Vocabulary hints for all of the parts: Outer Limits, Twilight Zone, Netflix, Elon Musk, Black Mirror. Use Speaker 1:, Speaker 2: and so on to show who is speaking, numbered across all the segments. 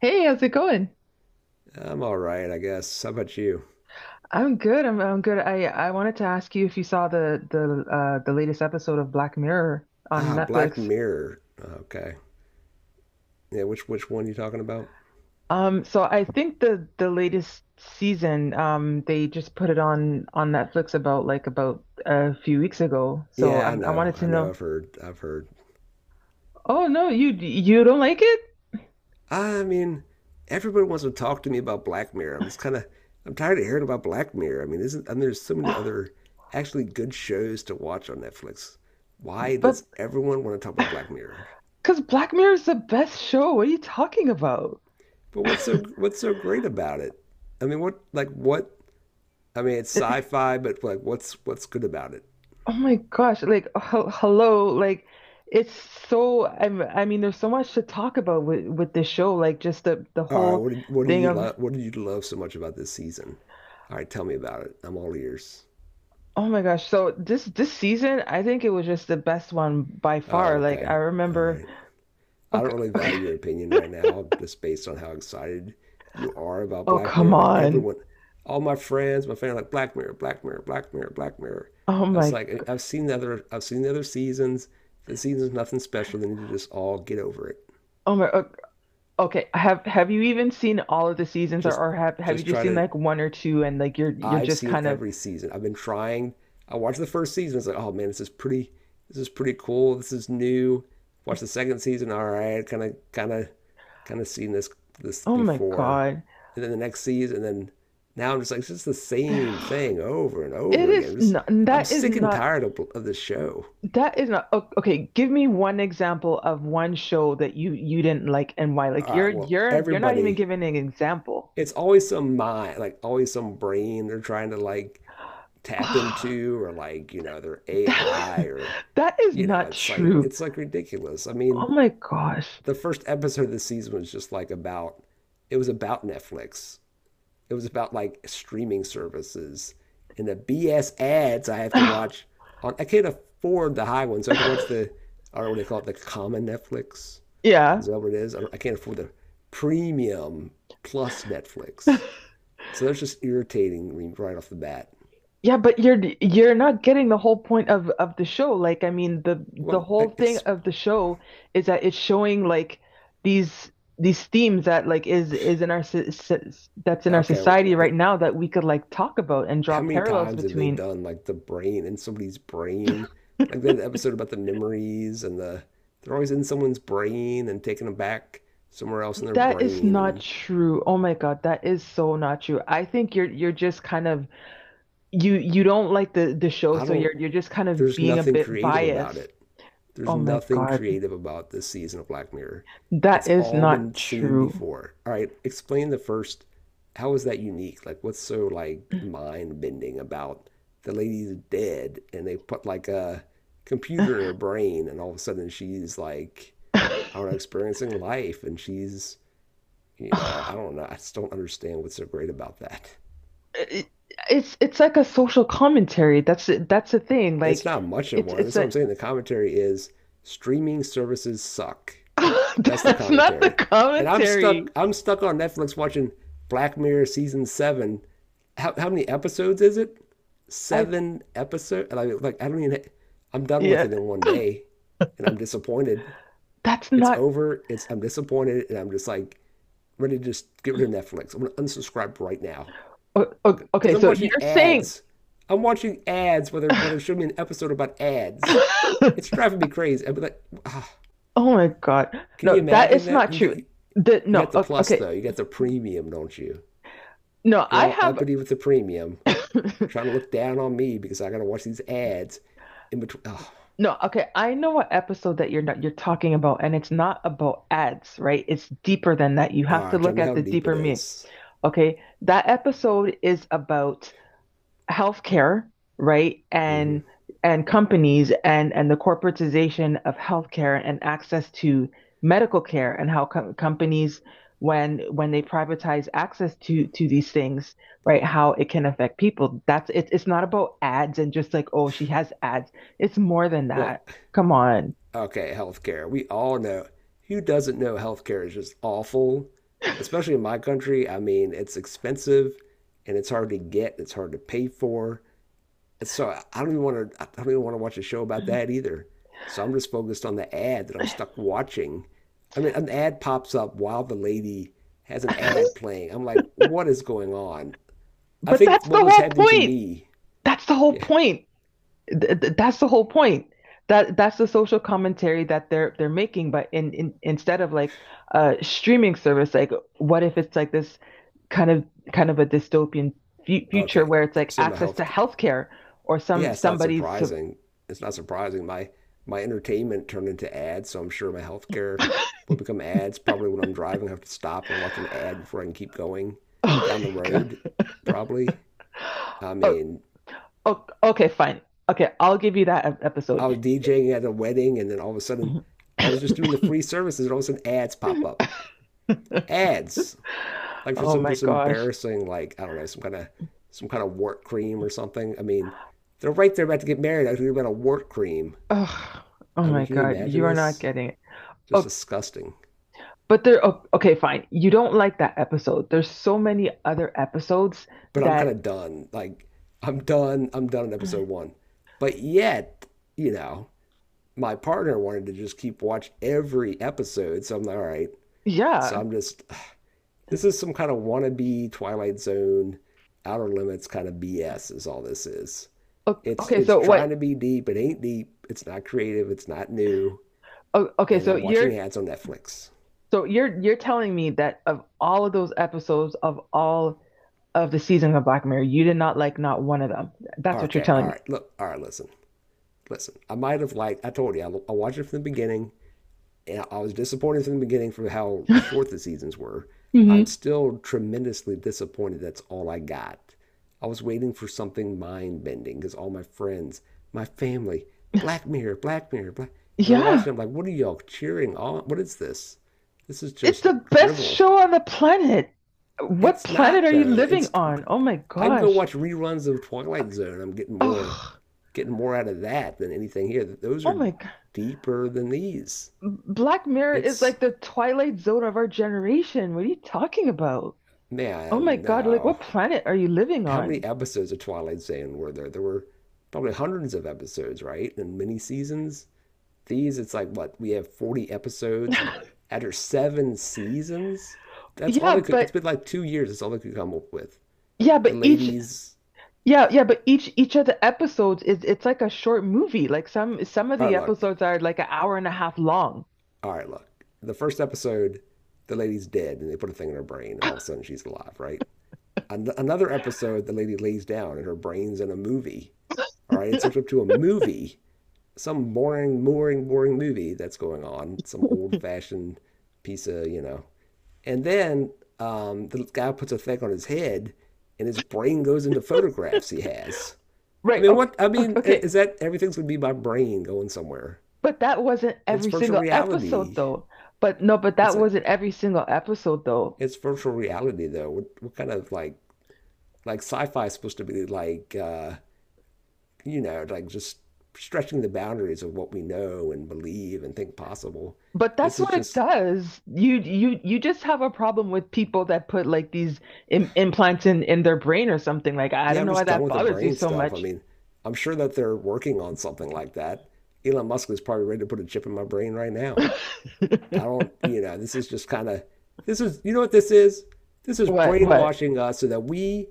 Speaker 1: Hey, how's it going?
Speaker 2: I'm all right, I guess. How about you?
Speaker 1: I'm good. I'm good. I wanted to ask you if you saw the latest episode of Black Mirror on
Speaker 2: Ah, Black
Speaker 1: Netflix.
Speaker 2: Mirror. Okay. Yeah, which one you talking about?
Speaker 1: So I think the latest season, they just put it on Netflix about about a few weeks ago. So
Speaker 2: Yeah, I
Speaker 1: I
Speaker 2: know.
Speaker 1: wanted to
Speaker 2: I know.
Speaker 1: know.
Speaker 2: I've heard. I've heard.
Speaker 1: Oh no, you don't like it?
Speaker 2: I mean, everybody wants to talk to me about Black Mirror. I'm just kind of I'm tired of hearing about Black Mirror. I mean, isn't I mean, there's so many other actually good shows to watch on Netflix. Why
Speaker 1: But
Speaker 2: does everyone want to talk about Black Mirror?
Speaker 1: Because Black Mirror is the best show. What are you talking about?
Speaker 2: But what's so great about it? I mean, what like what? I mean, it's sci-fi, but like what's good about it?
Speaker 1: Oh my gosh, like hello, like it's so there's so much to talk about with this show, like just the
Speaker 2: All right,
Speaker 1: whole
Speaker 2: what did
Speaker 1: thing
Speaker 2: you
Speaker 1: of
Speaker 2: love? What did you love so much about this season? All right, tell me about it. I'm all ears.
Speaker 1: oh my gosh. So this season, I think it was just the best one by
Speaker 2: Oh,
Speaker 1: far. Like
Speaker 2: okay.
Speaker 1: I
Speaker 2: All
Speaker 1: remember
Speaker 2: right. I
Speaker 1: okay,
Speaker 2: don't really
Speaker 1: okay.
Speaker 2: value your opinion right now, just based on how excited you are about
Speaker 1: Oh
Speaker 2: Black
Speaker 1: come
Speaker 2: Mirror. Like
Speaker 1: on.
Speaker 2: everyone, all my friends, my family, like Black Mirror, Black Mirror, Black Mirror, Black Mirror.
Speaker 1: Oh
Speaker 2: It's
Speaker 1: my
Speaker 2: like I've seen the other seasons. The season's nothing special. They need to just all get over it.
Speaker 1: oh my okay. Have you even seen all of the seasons or,
Speaker 2: Just,
Speaker 1: or have you
Speaker 2: just
Speaker 1: just
Speaker 2: try
Speaker 1: seen
Speaker 2: to
Speaker 1: like one or two and like you're
Speaker 2: I've
Speaker 1: just
Speaker 2: seen
Speaker 1: kind of
Speaker 2: every season. I've been trying. I watched the first season. It's like, oh man, this is pretty. This is pretty cool. This is new. Watch the second season. All right, kind of seen this
Speaker 1: oh my
Speaker 2: before.
Speaker 1: God.
Speaker 2: And then the next season. And then now I'm just like, it's just the same thing over and
Speaker 1: It
Speaker 2: over again.
Speaker 1: is
Speaker 2: I'm just,
Speaker 1: not
Speaker 2: I'm sick and tired of this show.
Speaker 1: that is not okay. Give me one example of one show that you didn't like and why. Like
Speaker 2: All
Speaker 1: you're
Speaker 2: right, well,
Speaker 1: you're you're not even
Speaker 2: everybody,
Speaker 1: giving an example.
Speaker 2: it's always some mind, like always some brain they're trying to like tap
Speaker 1: that,
Speaker 2: into, or like you know their AI or
Speaker 1: that is
Speaker 2: you know,
Speaker 1: not
Speaker 2: it's like
Speaker 1: true.
Speaker 2: ridiculous. I
Speaker 1: Oh
Speaker 2: mean,
Speaker 1: my gosh.
Speaker 2: the first episode of the season was just like about it was about Netflix. It was about like streaming services and the BS ads I have to watch on I can't afford the high ones. So I have to watch the I don't know what they call it, the common Netflix.
Speaker 1: Yeah.
Speaker 2: Is that what it is? I can't afford the premium plus Netflix. So that's just irritating right off the bat.
Speaker 1: Yeah, but you're not getting the whole point of the show. The
Speaker 2: Well,
Speaker 1: whole thing of the show is that it's showing like these these themes that is in our that's in our
Speaker 2: okay,
Speaker 1: society right now that we could like talk about and draw
Speaker 2: how many
Speaker 1: parallels
Speaker 2: times have they
Speaker 1: between.
Speaker 2: done like the brain in somebody's brain? Like that episode about the memories and the they're always in someone's brain and taking them back somewhere else in their
Speaker 1: That is
Speaker 2: brain
Speaker 1: not
Speaker 2: and
Speaker 1: true. Oh my God, that is so not true. I think you're just kind of you don't like the show,
Speaker 2: I
Speaker 1: so
Speaker 2: don't
Speaker 1: you're just kind of
Speaker 2: there's
Speaker 1: being a
Speaker 2: nothing
Speaker 1: bit
Speaker 2: creative about
Speaker 1: biased.
Speaker 2: it. There's
Speaker 1: Oh my
Speaker 2: nothing
Speaker 1: God,
Speaker 2: creative about this season of Black Mirror.
Speaker 1: that
Speaker 2: It's
Speaker 1: is
Speaker 2: all
Speaker 1: not
Speaker 2: been seen
Speaker 1: true.
Speaker 2: before. All right, explain the first. How is that unique? Like, what's so like mind bending about the lady's dead and they put like a computer in her brain and all of a sudden she's like, I don't know, experiencing life and she's, you know, I don't know. I just don't understand what's so great about that.
Speaker 1: it- it's like a social commentary. That's it. That's the thing.
Speaker 2: It's
Speaker 1: Like
Speaker 2: not much of one.
Speaker 1: it's
Speaker 2: That's what
Speaker 1: a
Speaker 2: I'm saying. The commentary is streaming services suck. That's the
Speaker 1: that's not the
Speaker 2: commentary. And I'm
Speaker 1: commentary.
Speaker 2: stuck. I'm stuck on Netflix watching Black Mirror season seven. How many episodes is it?
Speaker 1: I
Speaker 2: Seven episodes. And I like I don't even. I'm done with
Speaker 1: yeah,
Speaker 2: it in 1 day, and I'm disappointed.
Speaker 1: that's
Speaker 2: It's
Speaker 1: not
Speaker 2: over. It's I'm disappointed, and I'm just like ready to just get rid of Netflix. I'm gonna unsubscribe right now
Speaker 1: okay,
Speaker 2: because I'm
Speaker 1: so
Speaker 2: watching
Speaker 1: you're saying
Speaker 2: ads. I'm watching ads. Whether whether show me an episode about ads, it's driving me crazy. I'd be like, ah,
Speaker 1: Oh my God.
Speaker 2: can you
Speaker 1: No, that
Speaker 2: imagine
Speaker 1: is
Speaker 2: that?
Speaker 1: not
Speaker 2: You get
Speaker 1: true.
Speaker 2: you
Speaker 1: The no,
Speaker 2: got the plus
Speaker 1: okay.
Speaker 2: though. You got the premium, don't you?
Speaker 1: No,
Speaker 2: You're
Speaker 1: I
Speaker 2: all
Speaker 1: have
Speaker 2: uppity with the premium, trying to look down on me because I gotta watch these ads in between. Oh,
Speaker 1: No, okay. I know what episode that you're not you're talking about and it's not about ads, right? It's deeper than that. You
Speaker 2: all
Speaker 1: have to
Speaker 2: right, tell
Speaker 1: look
Speaker 2: me
Speaker 1: at
Speaker 2: how
Speaker 1: the
Speaker 2: deep it
Speaker 1: deeper meaning.
Speaker 2: is.
Speaker 1: Okay. That episode is about healthcare, right?
Speaker 2: Mm-hmm.
Speaker 1: And companies and the corporatization of healthcare and access to medical care and how companies when they privatize access to these things, right? How it can affect people. That's it. It's not about ads and just like, oh, she has ads. It's more than
Speaker 2: Well,
Speaker 1: that. Come on.
Speaker 2: okay, healthcare. We all know. Who doesn't know healthcare is just awful? Especially in my country. I mean, it's expensive and it's hard to get, it's hard to pay for. And so I don't even want to. I don't even want to watch a show about that either. So I'm just focused on the ad that I'm stuck watching. I mean, an ad pops up while the lady has an ad playing. I'm like, what is going on? I
Speaker 1: But
Speaker 2: think
Speaker 1: that's the
Speaker 2: what was
Speaker 1: whole
Speaker 2: happening to
Speaker 1: point.
Speaker 2: me.
Speaker 1: That's the whole
Speaker 2: Yeah.
Speaker 1: point. That's the whole point. That's the social commentary that they're making, but in instead of like a streaming service, like what if it's like this kind of kind of a dystopian fu future
Speaker 2: Okay.
Speaker 1: where it's like
Speaker 2: Some of
Speaker 1: access to
Speaker 2: health.
Speaker 1: healthcare or some
Speaker 2: Yeah, it's not surprising. It's not surprising. My entertainment turned into ads, so I'm sure my
Speaker 1: oh
Speaker 2: healthcare will become ads. Probably when I'm driving, I have to stop and watch an ad before I can keep going
Speaker 1: my
Speaker 2: down the
Speaker 1: God.
Speaker 2: road. Probably. I
Speaker 1: Oh,
Speaker 2: mean,
Speaker 1: oh, okay, fine. Okay, I'll give you that episode.
Speaker 2: I was DJing at a wedding, and then all of a sudden, I was just doing the free services, and all of a sudden, ads pop up. Ads, like for
Speaker 1: Oh
Speaker 2: some
Speaker 1: my
Speaker 2: just
Speaker 1: gosh.
Speaker 2: embarrassing, like I don't know, some kind of wart cream or something. I mean, they're right there about to get married. I think about a wart cream.
Speaker 1: Oh, oh
Speaker 2: I mean,
Speaker 1: my
Speaker 2: can you
Speaker 1: God,
Speaker 2: imagine
Speaker 1: you are not
Speaker 2: this?
Speaker 1: getting it.
Speaker 2: Just
Speaker 1: Oh,
Speaker 2: disgusting.
Speaker 1: Oh, okay, fine. You don't like that episode. There's so many other episodes
Speaker 2: But I'm
Speaker 1: that,
Speaker 2: kind of done. Like, I'm done. I'm done in episode one. But yet, you know, my partner wanted to just keep watch every episode. So I'm like, all right.
Speaker 1: yeah.
Speaker 2: So I'm just, this is some kind of wannabe Twilight Zone, Outer Limits kind of BS. Is all this is.
Speaker 1: O-
Speaker 2: It's
Speaker 1: Okay,
Speaker 2: it's
Speaker 1: so
Speaker 2: trying
Speaker 1: what?
Speaker 2: to be deep. It ain't deep. It's not creative. It's not new.
Speaker 1: Okay,
Speaker 2: And
Speaker 1: so
Speaker 2: I'm watching ads on Netflix.
Speaker 1: you're telling me that of all of those episodes of all of the seasons of Black Mirror, you did not like not one of them. That's what you're
Speaker 2: Okay,
Speaker 1: telling
Speaker 2: all
Speaker 1: me.
Speaker 2: right. Look, all right. Listen, listen. I might have liked. I told you. I watched it from the beginning. I was disappointed from the beginning for how short the seasons were. I'm
Speaker 1: hmm
Speaker 2: still tremendously disappointed that's all I got. I was waiting for something mind bending because all my friends, my family, Black Mirror, Black Mirror, Black. And I'm
Speaker 1: Yeah,
Speaker 2: watching, I'm like, what are y'all cheering on? What is this? This is
Speaker 1: it's
Speaker 2: just
Speaker 1: the best
Speaker 2: drivel.
Speaker 1: show on the planet. What
Speaker 2: It's
Speaker 1: planet
Speaker 2: not
Speaker 1: are you
Speaker 2: though.
Speaker 1: living
Speaker 2: It's
Speaker 1: on? Oh my
Speaker 2: I can go
Speaker 1: gosh.
Speaker 2: watch reruns of Twilight Zone. I'm
Speaker 1: Oh,
Speaker 2: getting more out of that than anything here. Those
Speaker 1: oh
Speaker 2: are
Speaker 1: my
Speaker 2: deeper than these.
Speaker 1: Black Mirror is
Speaker 2: It's
Speaker 1: like the Twilight Zone of our generation. What are you talking about? Oh my
Speaker 2: man,
Speaker 1: God, like
Speaker 2: no.
Speaker 1: what planet are you living
Speaker 2: How many
Speaker 1: on?
Speaker 2: episodes of Twilight Zone were there? There were probably hundreds of episodes, right? And many seasons. These, it's like what we have 40 episodes after seven seasons. That's all
Speaker 1: Yeah,
Speaker 2: they could. It's
Speaker 1: but
Speaker 2: been like 2 years. That's all they could come up with.
Speaker 1: yeah,
Speaker 2: The
Speaker 1: but each
Speaker 2: ladies.
Speaker 1: yeah, but each of the episodes is it's like a short movie. Like some of
Speaker 2: All right,
Speaker 1: the
Speaker 2: look.
Speaker 1: episodes are like an hour and a half long.
Speaker 2: All right, look. The first episode, the lady's dead, and they put a thing in her brain, and all of a sudden she's alive, right? Another episode, the lady lays down, and her brain's in a movie. All right, it's hooked up to a movie some boring, boring, boring movie that's going on, some old fashioned piece of, you know. And then the guy puts a thing on his head and his brain goes into photographs he has. I
Speaker 1: Right.
Speaker 2: mean,
Speaker 1: Okay.
Speaker 2: what? I
Speaker 1: Okay.
Speaker 2: mean,
Speaker 1: okay.
Speaker 2: is that everything's going to be my brain going somewhere?
Speaker 1: But that wasn't
Speaker 2: It's
Speaker 1: every
Speaker 2: virtual
Speaker 1: single episode
Speaker 2: reality.
Speaker 1: though. But no, but
Speaker 2: It's
Speaker 1: that
Speaker 2: like,
Speaker 1: wasn't every single episode though.
Speaker 2: it's virtual reality though. What kind of like sci fi is supposed to be like, you know, like just stretching the boundaries of what we know and believe and think possible.
Speaker 1: But that's
Speaker 2: This is
Speaker 1: what it
Speaker 2: just
Speaker 1: does. You just have a problem with people that put like these Im implants in their brain or something. Like I
Speaker 2: yeah,
Speaker 1: don't
Speaker 2: I'm
Speaker 1: know why
Speaker 2: just done
Speaker 1: that
Speaker 2: with the
Speaker 1: bothers you
Speaker 2: brain
Speaker 1: so
Speaker 2: stuff. I
Speaker 1: much.
Speaker 2: mean, I'm sure that they're working on something like that. Elon Musk is probably ready to put a chip in my brain right now. I don't, you know, this is just kind of, this is, you know what this is? This is
Speaker 1: What?
Speaker 2: brainwashing us so that we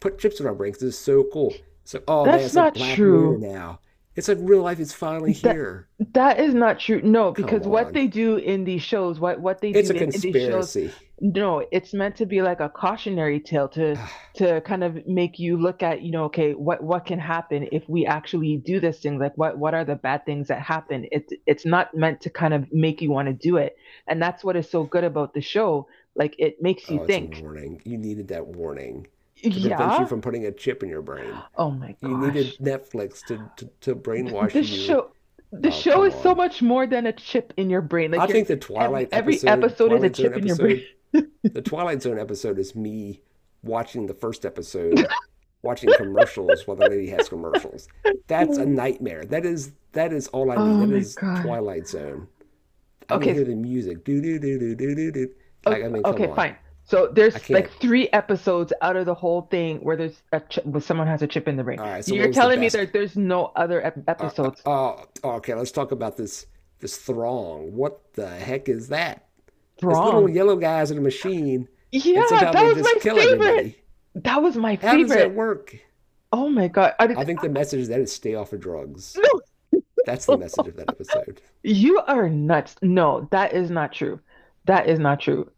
Speaker 2: put chips in our brains. This is so cool. It's like, oh man,
Speaker 1: That's
Speaker 2: it's like
Speaker 1: not
Speaker 2: Black Mirror
Speaker 1: true.
Speaker 2: now. It's like real life is finally
Speaker 1: That
Speaker 2: here.
Speaker 1: that is not true. No,
Speaker 2: Come
Speaker 1: because what
Speaker 2: on.
Speaker 1: they do in these shows, what they do
Speaker 2: It's a
Speaker 1: in these shows,
Speaker 2: conspiracy.
Speaker 1: no, it's meant to be like a cautionary tale to kind of make you look at, you know, okay, what can happen if we actually do this thing? Like what are the bad things that happen? It's not meant to kind of make you want to do it. And that's what is so good about the show. Like it makes you
Speaker 2: Oh, it's a
Speaker 1: think.
Speaker 2: warning. You needed that warning to prevent you
Speaker 1: Yeah.
Speaker 2: from putting a chip in your brain.
Speaker 1: Oh my
Speaker 2: You needed
Speaker 1: gosh.
Speaker 2: Netflix to,
Speaker 1: Th-
Speaker 2: brainwash
Speaker 1: this
Speaker 2: you.
Speaker 1: show the
Speaker 2: Oh,
Speaker 1: show
Speaker 2: come
Speaker 1: is so
Speaker 2: on.
Speaker 1: much more than a chip in your brain.
Speaker 2: I
Speaker 1: Like your
Speaker 2: think the Twilight
Speaker 1: every
Speaker 2: episode,
Speaker 1: episode is a
Speaker 2: Twilight Zone
Speaker 1: chip in your brain.
Speaker 2: episode, the Twilight Zone episode is me watching the first episode, watching commercials while the lady has commercials. That's a nightmare. That is all I need.
Speaker 1: Oh
Speaker 2: That
Speaker 1: my
Speaker 2: is
Speaker 1: God.
Speaker 2: Twilight Zone. I can
Speaker 1: Okay,
Speaker 2: hear the music. Do do do do do do do. Like I mean, come
Speaker 1: okay,
Speaker 2: on.
Speaker 1: fine. So
Speaker 2: I
Speaker 1: there's like
Speaker 2: can't.
Speaker 1: three episodes out of the whole thing where there's a chip, where someone has a chip in the brain.
Speaker 2: All right. So
Speaker 1: You're
Speaker 2: what was the
Speaker 1: telling me
Speaker 2: best?
Speaker 1: there's no other ep episodes.
Speaker 2: Oh, okay. Let's talk about this throng. What the heck is that? It's little
Speaker 1: Wrong.
Speaker 2: yellow guys in a machine, and
Speaker 1: Yeah, that
Speaker 2: somehow they
Speaker 1: was
Speaker 2: just
Speaker 1: my
Speaker 2: kill
Speaker 1: favorite.
Speaker 2: everybody.
Speaker 1: That was my
Speaker 2: How does
Speaker 1: favorite.
Speaker 2: that work?
Speaker 1: Oh my God.
Speaker 2: I think the message is that is stay off of drugs. That's the
Speaker 1: No.
Speaker 2: message of that episode.
Speaker 1: You are nuts. No, that is not true. That is not true.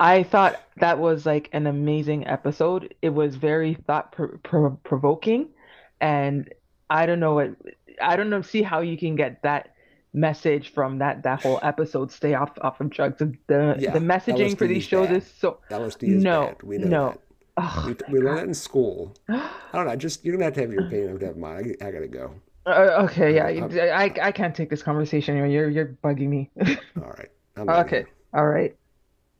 Speaker 1: I thought that was like an amazing episode. It was very thought provoking, and I don't know what I don't know see how you can get that message from that whole episode. Stay off of drugs.
Speaker 2: Yeah,
Speaker 1: Messaging for
Speaker 2: LSD
Speaker 1: these
Speaker 2: is
Speaker 1: shows is
Speaker 2: bad.
Speaker 1: so
Speaker 2: LSD is
Speaker 1: no
Speaker 2: bad. We know
Speaker 1: no.
Speaker 2: that.
Speaker 1: Oh
Speaker 2: We,
Speaker 1: my
Speaker 2: we learned that in school.
Speaker 1: God.
Speaker 2: I don't know. Just you're gonna have to have your opinion. I have to have mine. I gotta go.
Speaker 1: Okay,
Speaker 2: I
Speaker 1: yeah,
Speaker 2: gotta. I,
Speaker 1: I can't take this conversation anymore. You're bugging me.
Speaker 2: all right. I'm out of
Speaker 1: Okay,
Speaker 2: here.
Speaker 1: all right.